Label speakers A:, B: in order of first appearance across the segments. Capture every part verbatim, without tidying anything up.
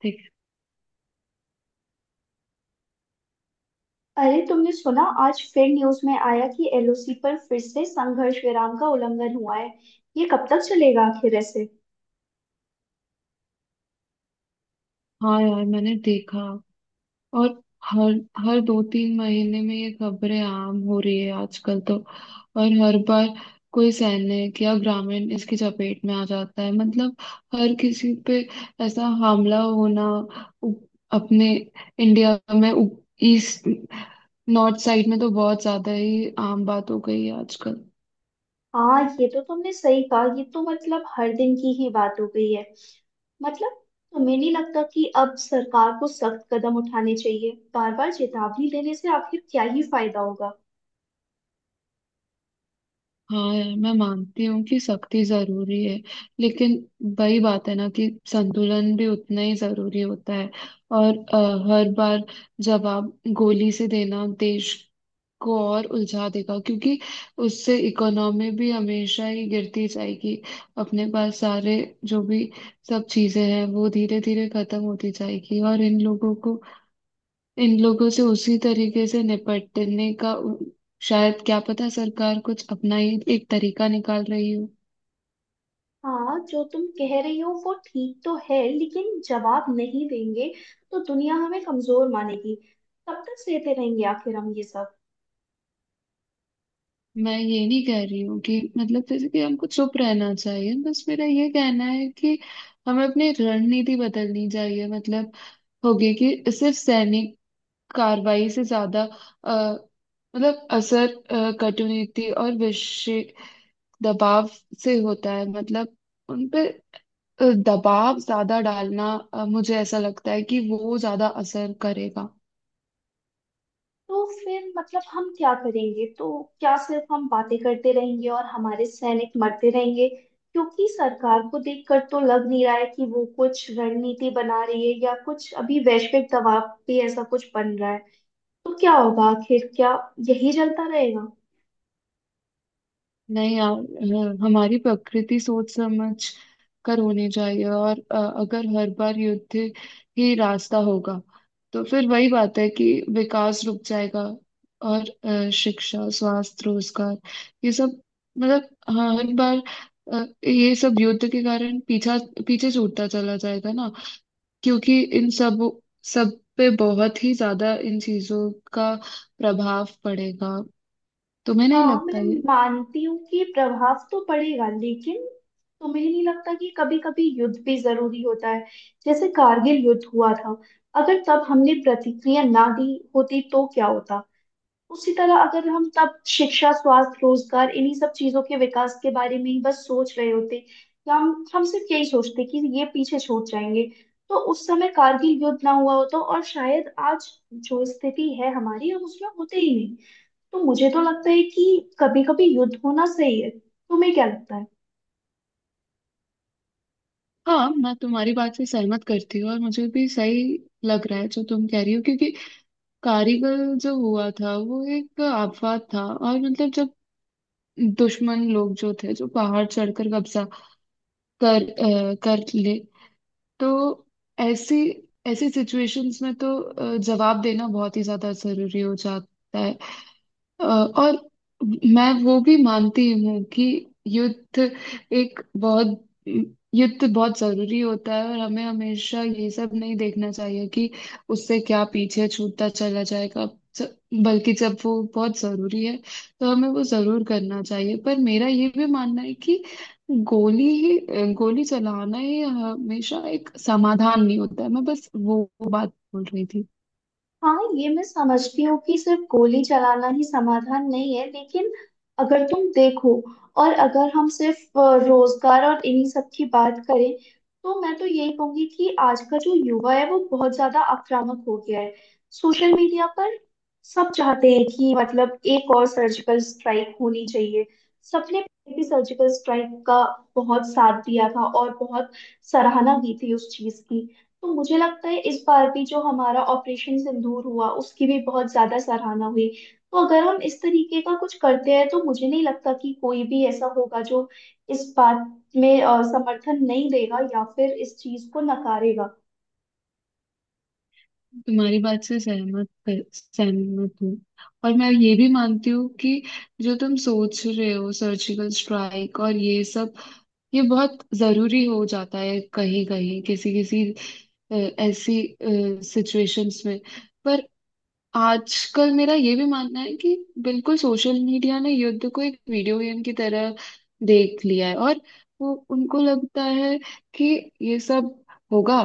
A: देख।
B: अरे तुमने सुना, आज फिर न्यूज में आया कि एल ओ सी पर फिर से संघर्ष विराम का उल्लंघन हुआ है। ये कब तक चलेगा आखिर ऐसे?
A: हाँ यार, मैंने देखा। और हर हर दो तीन महीने में ये खबरें आम हो रही है आजकल तो। और हर बार कोई सैनिक या ग्रामीण इसकी चपेट में आ जाता है, मतलब हर किसी पे ऐसा हमला होना, उ- अपने इंडिया में ईस्ट नॉर्थ साइड में तो बहुत ज्यादा ही आम बात हो गई है आजकल।
B: हाँ, ये तो तुमने सही कहा, ये तो मतलब हर दिन की ही बात हो गई है। मतलब, तुम्हें नहीं लगता कि अब सरकार को सख्त कदम उठाने चाहिए? बार बार चेतावनी देने से आखिर क्या ही फायदा होगा?
A: हाँ यार, मैं मानती हूँ कि सख्ती जरूरी है, लेकिन वही बात है ना कि संतुलन भी उतना ही जरूरी होता है। और अ, हर बार जवाब गोली से देना देश को और उलझा देगा, क्योंकि उससे इकोनॉमी भी हमेशा ही गिरती जाएगी। अपने पास सारे जो भी सब चीजें हैं वो धीरे धीरे खत्म होती जाएगी, और इन लोगों को इन लोगों से उसी तरीके से निपटने का उ- शायद क्या पता, सरकार कुछ अपना ही एक तरीका निकाल रही हो।
B: हाँ, जो तुम कह रही हो वो ठीक तो है, लेकिन जवाब नहीं देंगे तो दुनिया हमें कमजोर मानेगी। तब तक सहते रहेंगे आखिर हम ये सब?
A: मैं ये नहीं कह रही हूँ कि मतलब जैसे कि हमको चुप रहना चाहिए, बस मेरा ये कहना है कि हमें अपनी रणनीति बदलनी चाहिए। मतलब होगी कि सिर्फ सैनिक कार्रवाई से ज्यादा अ, मतलब असर अ, कटुनीति और विषय दबाव से होता है। मतलब उन पे अ, दबाव ज्यादा डालना, अ, मुझे ऐसा लगता है कि वो ज्यादा असर करेगा।
B: तो फिर मतलब हम क्या करेंगे तो? क्या सिर्फ हम बातें करते रहेंगे और हमारे सैनिक मरते रहेंगे? क्योंकि सरकार को देखकर तो लग नहीं रहा है कि वो कुछ रणनीति बना रही है या कुछ अभी वैश्विक दबाव पे ऐसा कुछ बन रहा है। तो क्या होगा आखिर, क्या यही चलता रहेगा?
A: नहीं यार, अ, हमारी प्रकृति सोच समझ कर होनी चाहिए, और अ, अगर हर बार युद्ध ही रास्ता होगा तो फिर वही बात है कि विकास रुक जाएगा, और अ, शिक्षा स्वास्थ्य रोजगार ये सब, मतलब हर बार अ, ये सब युद्ध के कारण पीछा पीछे छूटता चला जाएगा ना। क्योंकि इन सब सब पे बहुत ही ज्यादा इन चीजों का प्रभाव पड़ेगा। तुम्हें नहीं
B: हाँ,
A: लगता
B: मैं
A: ये?
B: मानती हूँ कि प्रभाव तो पड़ेगा, लेकिन तुम्हें नहीं लगता कि कभी कभी युद्ध भी जरूरी होता है? जैसे कारगिल युद्ध हुआ था, अगर तब हमने प्रतिक्रिया ना दी होती तो क्या होता? उसी तरह अगर हम तब शिक्षा स्वास्थ्य रोजगार इन्हीं सब चीजों के विकास के बारे में ही बस सोच रहे होते, या हम हम सिर्फ यही सोचते कि ये पीछे छूट जाएंगे, तो उस समय कारगिल युद्ध ना हुआ होता और शायद आज जो स्थिति है हमारी, हम उसमें होते ही नहीं। तो मुझे तो लगता है कि कभी कभी युद्ध होना सही है। तुम्हें क्या लगता है?
A: हाँ, मैं तुम्हारी बात से सहमत करती हूँ, और मुझे भी सही लग रहा है जो तुम कह रही हो। क्योंकि कारीगल जो हुआ था वो एक आफत था, और मतलब जब दुश्मन लोग जो थे जो पहाड़ चढ़कर कब्जा कर अ, कर ले, तो ऐसी ऐसी सिचुएशंस में तो अ, जवाब देना बहुत ही ज्यादा जरूरी हो जाता है। अ, और मैं वो भी मानती हूँ कि युद्ध एक बहुत युद्ध बहुत जरूरी होता है, और हमें हमेशा ये सब नहीं देखना चाहिए कि उससे क्या पीछे छूटता चला जाएगा। ज- बल्कि जब वो बहुत जरूरी है तो हमें वो जरूर करना चाहिए, पर मेरा ये भी मानना है कि गोली ही गोली चलाना ही हमेशा एक समाधान नहीं होता है। मैं बस वो वो बात बोल रही थी।
B: हाँ, ये मैं समझती हूँ कि सिर्फ गोली चलाना ही समाधान नहीं है, लेकिन अगर तुम देखो, और अगर हम सिर्फ अ, रोजगार और इन्हीं सब की बात करें, तो मैं तो यही कहूंगी कि आज का जो युवा है वो बहुत ज्यादा आक्रामक हो गया है। सोशल मीडिया पर सब चाहते हैं कि मतलब एक और सर्जिकल स्ट्राइक होनी चाहिए। सबने भी सर्जिकल स्ट्राइक का बहुत साथ दिया था और बहुत सराहना की थी उस चीज की। तो मुझे लगता है इस बार भी जो हमारा ऑपरेशन सिंदूर हुआ उसकी भी बहुत ज्यादा सराहना हुई। तो अगर हम इस तरीके का कुछ करते हैं तो मुझे नहीं लगता कि कोई भी ऐसा होगा जो इस बात में अ, समर्थन नहीं देगा या फिर इस चीज को नकारेगा।
A: तुम्हारी बात से सहमत कर- सहमत हूँ, और मैं ये भी मानती हूँ कि जो तुम सोच रहे हो, सर्जिकल स्ट्राइक और ये सब, ये बहुत जरूरी हो जाता है कहीं कहीं, किसी किसी अ, ऐसी सिचुएशंस में। पर आजकल मेरा ये भी मानना है कि बिल्कुल सोशल मीडिया ने युद्ध को एक वीडियो गेम की तरह देख लिया है, और वो उनको लगता है कि ये सब होगा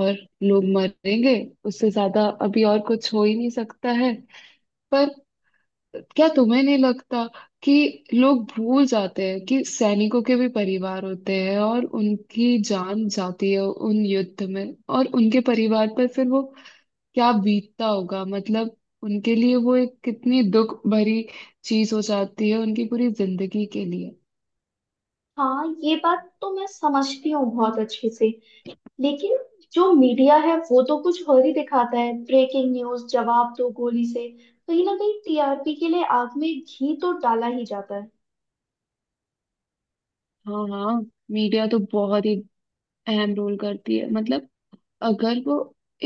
A: और लोग मरेंगे, उससे ज्यादा अभी और कुछ हो ही नहीं सकता है। पर क्या तुम्हें नहीं लगता कि लोग भूल जाते हैं कि सैनिकों के भी परिवार होते हैं, और उनकी जान जाती है उन युद्ध में, और उनके परिवार पर फिर वो क्या बीतता होगा? मतलब उनके लिए वो एक कितनी दुख भरी चीज हो जाती है, उनकी पूरी जिंदगी के लिए।
B: हाँ, ये बात तो मैं समझती हूँ बहुत अच्छे से, लेकिन जो मीडिया है वो तो कुछ और ही दिखाता है, ब्रेकिंग न्यूज, जवाब दो गोली से। कहीं ना कहीं टी आर पी के लिए आग में घी तो डाला ही जाता है।
A: हाँ हाँ। मीडिया तो बहुत ही अहम रोल करती है। मतलब अगर वो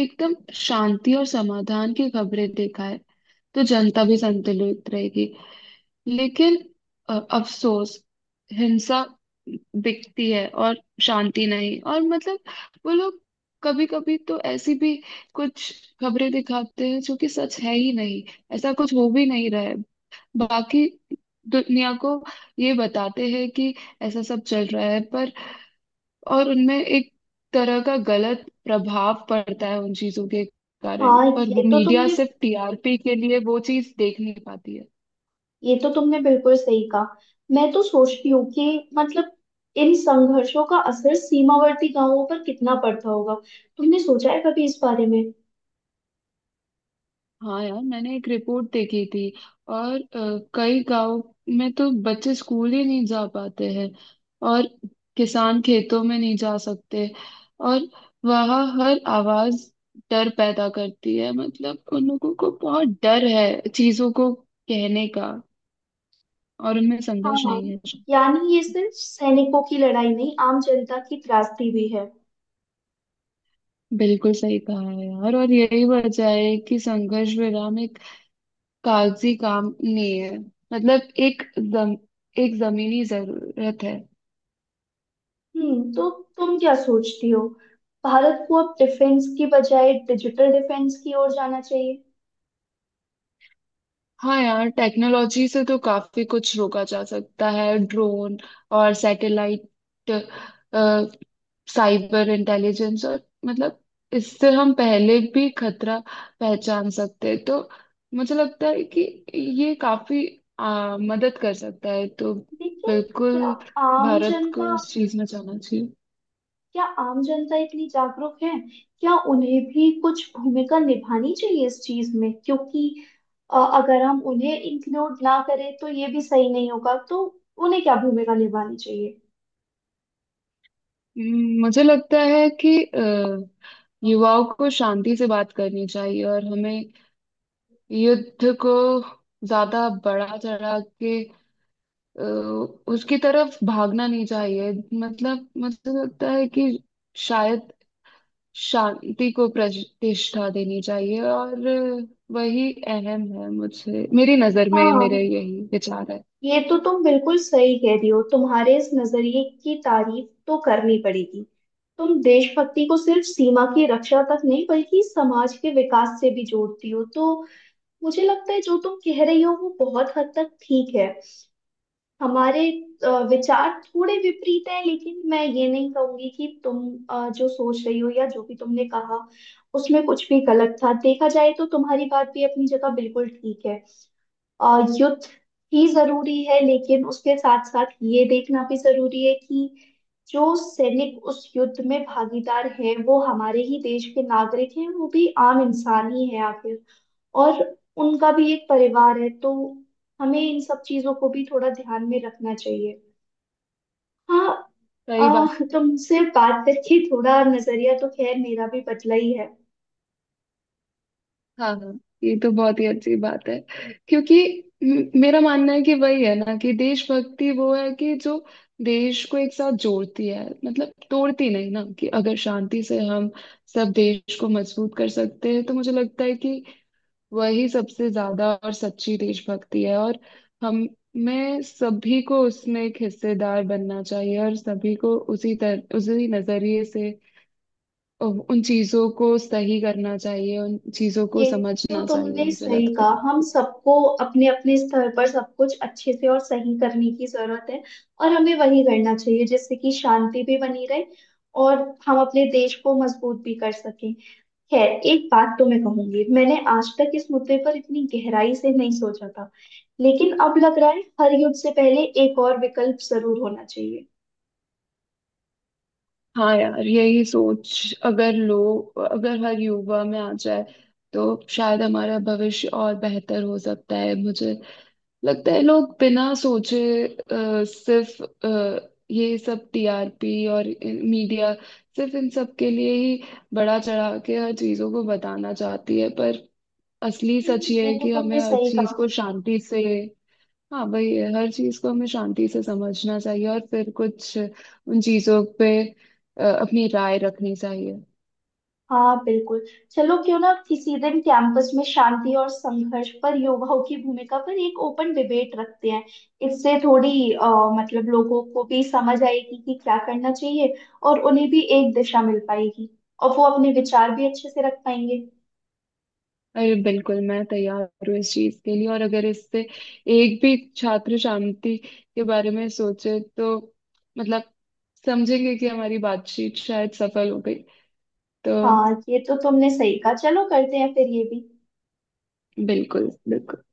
A: एकदम शांति और समाधान की खबरें दिखाए तो जनता भी संतुलित रहेगी, लेकिन अ, अफसोस, हिंसा बिकती है और शांति नहीं। और मतलब वो लोग कभी कभी तो ऐसी भी कुछ खबरें दिखाते हैं जो कि सच है ही नहीं, ऐसा कुछ हो भी नहीं रहा है। बाकी दुनिया को ये बताते हैं कि ऐसा सब चल रहा है, पर और उनमें एक तरह का गलत प्रभाव पड़ता है उन चीजों के कारण,
B: हाँ,
A: पर वो
B: ये तो
A: मीडिया
B: तुमने
A: सिर्फ टी आर पी के लिए वो चीज देख नहीं पाती है।
B: ये तो तुमने बिल्कुल सही कहा। मैं तो सोचती हूँ कि मतलब इन संघर्षों का असर सीमावर्ती गांवों पर कितना पड़ता होगा। तुमने सोचा है कभी इस बारे में?
A: हाँ यार, मैंने एक रिपोर्ट देखी थी, और अ, कई गांव में तो बच्चे स्कूल ही नहीं जा पाते हैं, और किसान खेतों में नहीं जा सकते, और वहाँ हर आवाज डर पैदा करती है। मतलब उन लोगों को बहुत डर है चीजों को कहने का, और उनमें संघर्ष
B: हाँ,
A: नहीं है।
B: यानी ये सिर्फ सैनिकों की लड़ाई नहीं, आम जनता की त्रासदी भी है।
A: बिल्कुल सही कहा है यार, और यही वजह है कि संघर्ष विराम एक कागजी काम नहीं है, मतलब एक जम, एक जमीनी जरूरत है।
B: हम्म, तो तुम क्या सोचती हो, भारत को अब डिफेंस की बजाय डिजिटल डिफेंस की ओर जाना चाहिए?
A: हाँ यार, टेक्नोलॉजी से तो काफी कुछ रोका जा सकता है। ड्रोन और सैटेलाइट, साइबर इंटेलिजेंस, और मतलब इससे हम पहले भी खतरा पहचान सकते हैं। तो मुझे लगता है कि ये काफी आ, मदद कर सकता है। तो
B: लेकिन क्या
A: बिल्कुल,
B: आम
A: भारत को
B: जनता,
A: उस चीज में जाना चाहिए।
B: क्या आम जनता इतनी जागरूक है? क्या उन्हें भी कुछ भूमिका निभानी चाहिए इस चीज में? क्योंकि अ, अगर हम उन्हें इंक्लूड ना करें तो ये भी सही नहीं होगा। तो उन्हें क्या भूमिका निभानी चाहिए?
A: हम्म, मुझे लगता है कि अ, युवाओं को शांति से बात करनी चाहिए, और हमें युद्ध को ज्यादा बढ़ा चढ़ा के अ, उसकी तरफ भागना नहीं चाहिए। मतलब मुझे लगता है कि शायद शांति को प्रतिष्ठा देनी चाहिए, और वही अहम है। मुझे, मेरी नजर में, मेरे
B: हाँ,
A: यही विचार है।
B: ये तो तुम बिल्कुल सही कह रही हो, तुम्हारे इस नजरिए की तारीफ तो करनी पड़ेगी। तुम देशभक्ति को सिर्फ सीमा की रक्षा तक नहीं, बल्कि समाज के विकास से भी जोड़ती हो। तो मुझे लगता है जो तुम कह रही हो वो बहुत हद तक ठीक है। हमारे अ, विचार थोड़े विपरीत हैं, लेकिन मैं ये नहीं कहूंगी कि तुम अ, जो सोच रही हो या जो भी तुमने कहा उसमें कुछ भी गलत था। देखा जाए तो तुम्हारी बात भी अपनी जगह बिल्कुल ठीक है। अ, युद्ध ही जरूरी है, लेकिन उसके साथ साथ ये देखना भी जरूरी है कि जो सैनिक उस युद्ध में भागीदार हैं वो हमारे ही देश के नागरिक हैं, वो भी आम इंसान ही है आखिर। और उनका भी एक परिवार है। तो हमें इन सब चीजों को भी थोड़ा ध्यान में रखना चाहिए। हाँ।
A: सही बात।
B: आ, तुमसे बात करके थोड़ा नजरिया तो खैर मेरा भी बदला ही है।
A: हाँ हाँ, ये तो बहुत ही अच्छी बात है। क्योंकि म- मेरा मानना है कि वही है ना कि देशभक्ति वो है कि जो देश को एक साथ जोड़ती है, मतलब तोड़ती नहीं ना, कि अगर शांति से हम सब देश को मजबूत कर सकते हैं तो मुझे लगता है कि वही सबसे ज्यादा और सच्ची देशभक्ति है। और हम मैं सभी को उसमें एक हिस्सेदार बनना चाहिए, और सभी को उसी तरह उसी नजरिए से उन चीजों को सही करना चाहिए, उन चीजों को
B: ये तो
A: समझना चाहिए,
B: तुमने
A: मुझे
B: सही
A: लगता
B: कहा,
A: है।
B: हम सबको अपने अपने स्तर पर सब कुछ अच्छे से और सही करने की जरूरत है। और हमें वही करना चाहिए जिससे कि शांति भी बनी रहे, और हम अपने देश को मजबूत भी कर सकें। खैर, एक बात तो मैं कहूंगी, मैंने आज तक इस मुद्दे पर इतनी गहराई से नहीं सोचा था, लेकिन अब लग रहा है हर युद्ध से पहले एक और विकल्प जरूर होना चाहिए।
A: हाँ यार, यही सोच अगर लोग अगर हर युवा में आ जाए तो शायद हमारा भविष्य और बेहतर हो सकता है, मुझे लगता है। लोग बिना सोचे अ, सिर्फ अ, ये सब टी आर पी और मीडिया, सिर्फ इन सब के लिए ही बड़ा चढ़ा के हर चीजों को बताना चाहती है, पर असली
B: हम्म,
A: सच ये
B: ये
A: है
B: तो
A: कि हमें
B: तुमने
A: हर
B: सही
A: चीज
B: कहा।
A: को शांति से। हाँ भाई, हर चीज को हमें शांति से समझना चाहिए, और फिर कुछ उन चीजों पे अ, अपनी राय रखनी चाहिए।
B: हाँ, बिल्कुल। चलो, क्यों ना किसी दिन कैंपस में शांति और संघर्ष पर युवाओं की भूमिका पर एक ओपन डिबेट रखते हैं। इससे थोड़ी अ, मतलब लोगों को भी समझ आएगी कि क्या करना चाहिए, और उन्हें भी एक दिशा मिल पाएगी, और वो अपने विचार भी अच्छे से रख पाएंगे।
A: अरे बिल्कुल, मैं तैयार हूँ इस चीज के लिए, और अगर इससे एक भी छात्र शांति के बारे में सोचे तो, मतलब, समझेंगे कि हमारी बातचीत शायद सफल हो गई। तो
B: हाँ, ये तो तुमने सही कहा, चलो करते हैं फिर ये भी।
A: बिल्कुल बिल्कुल।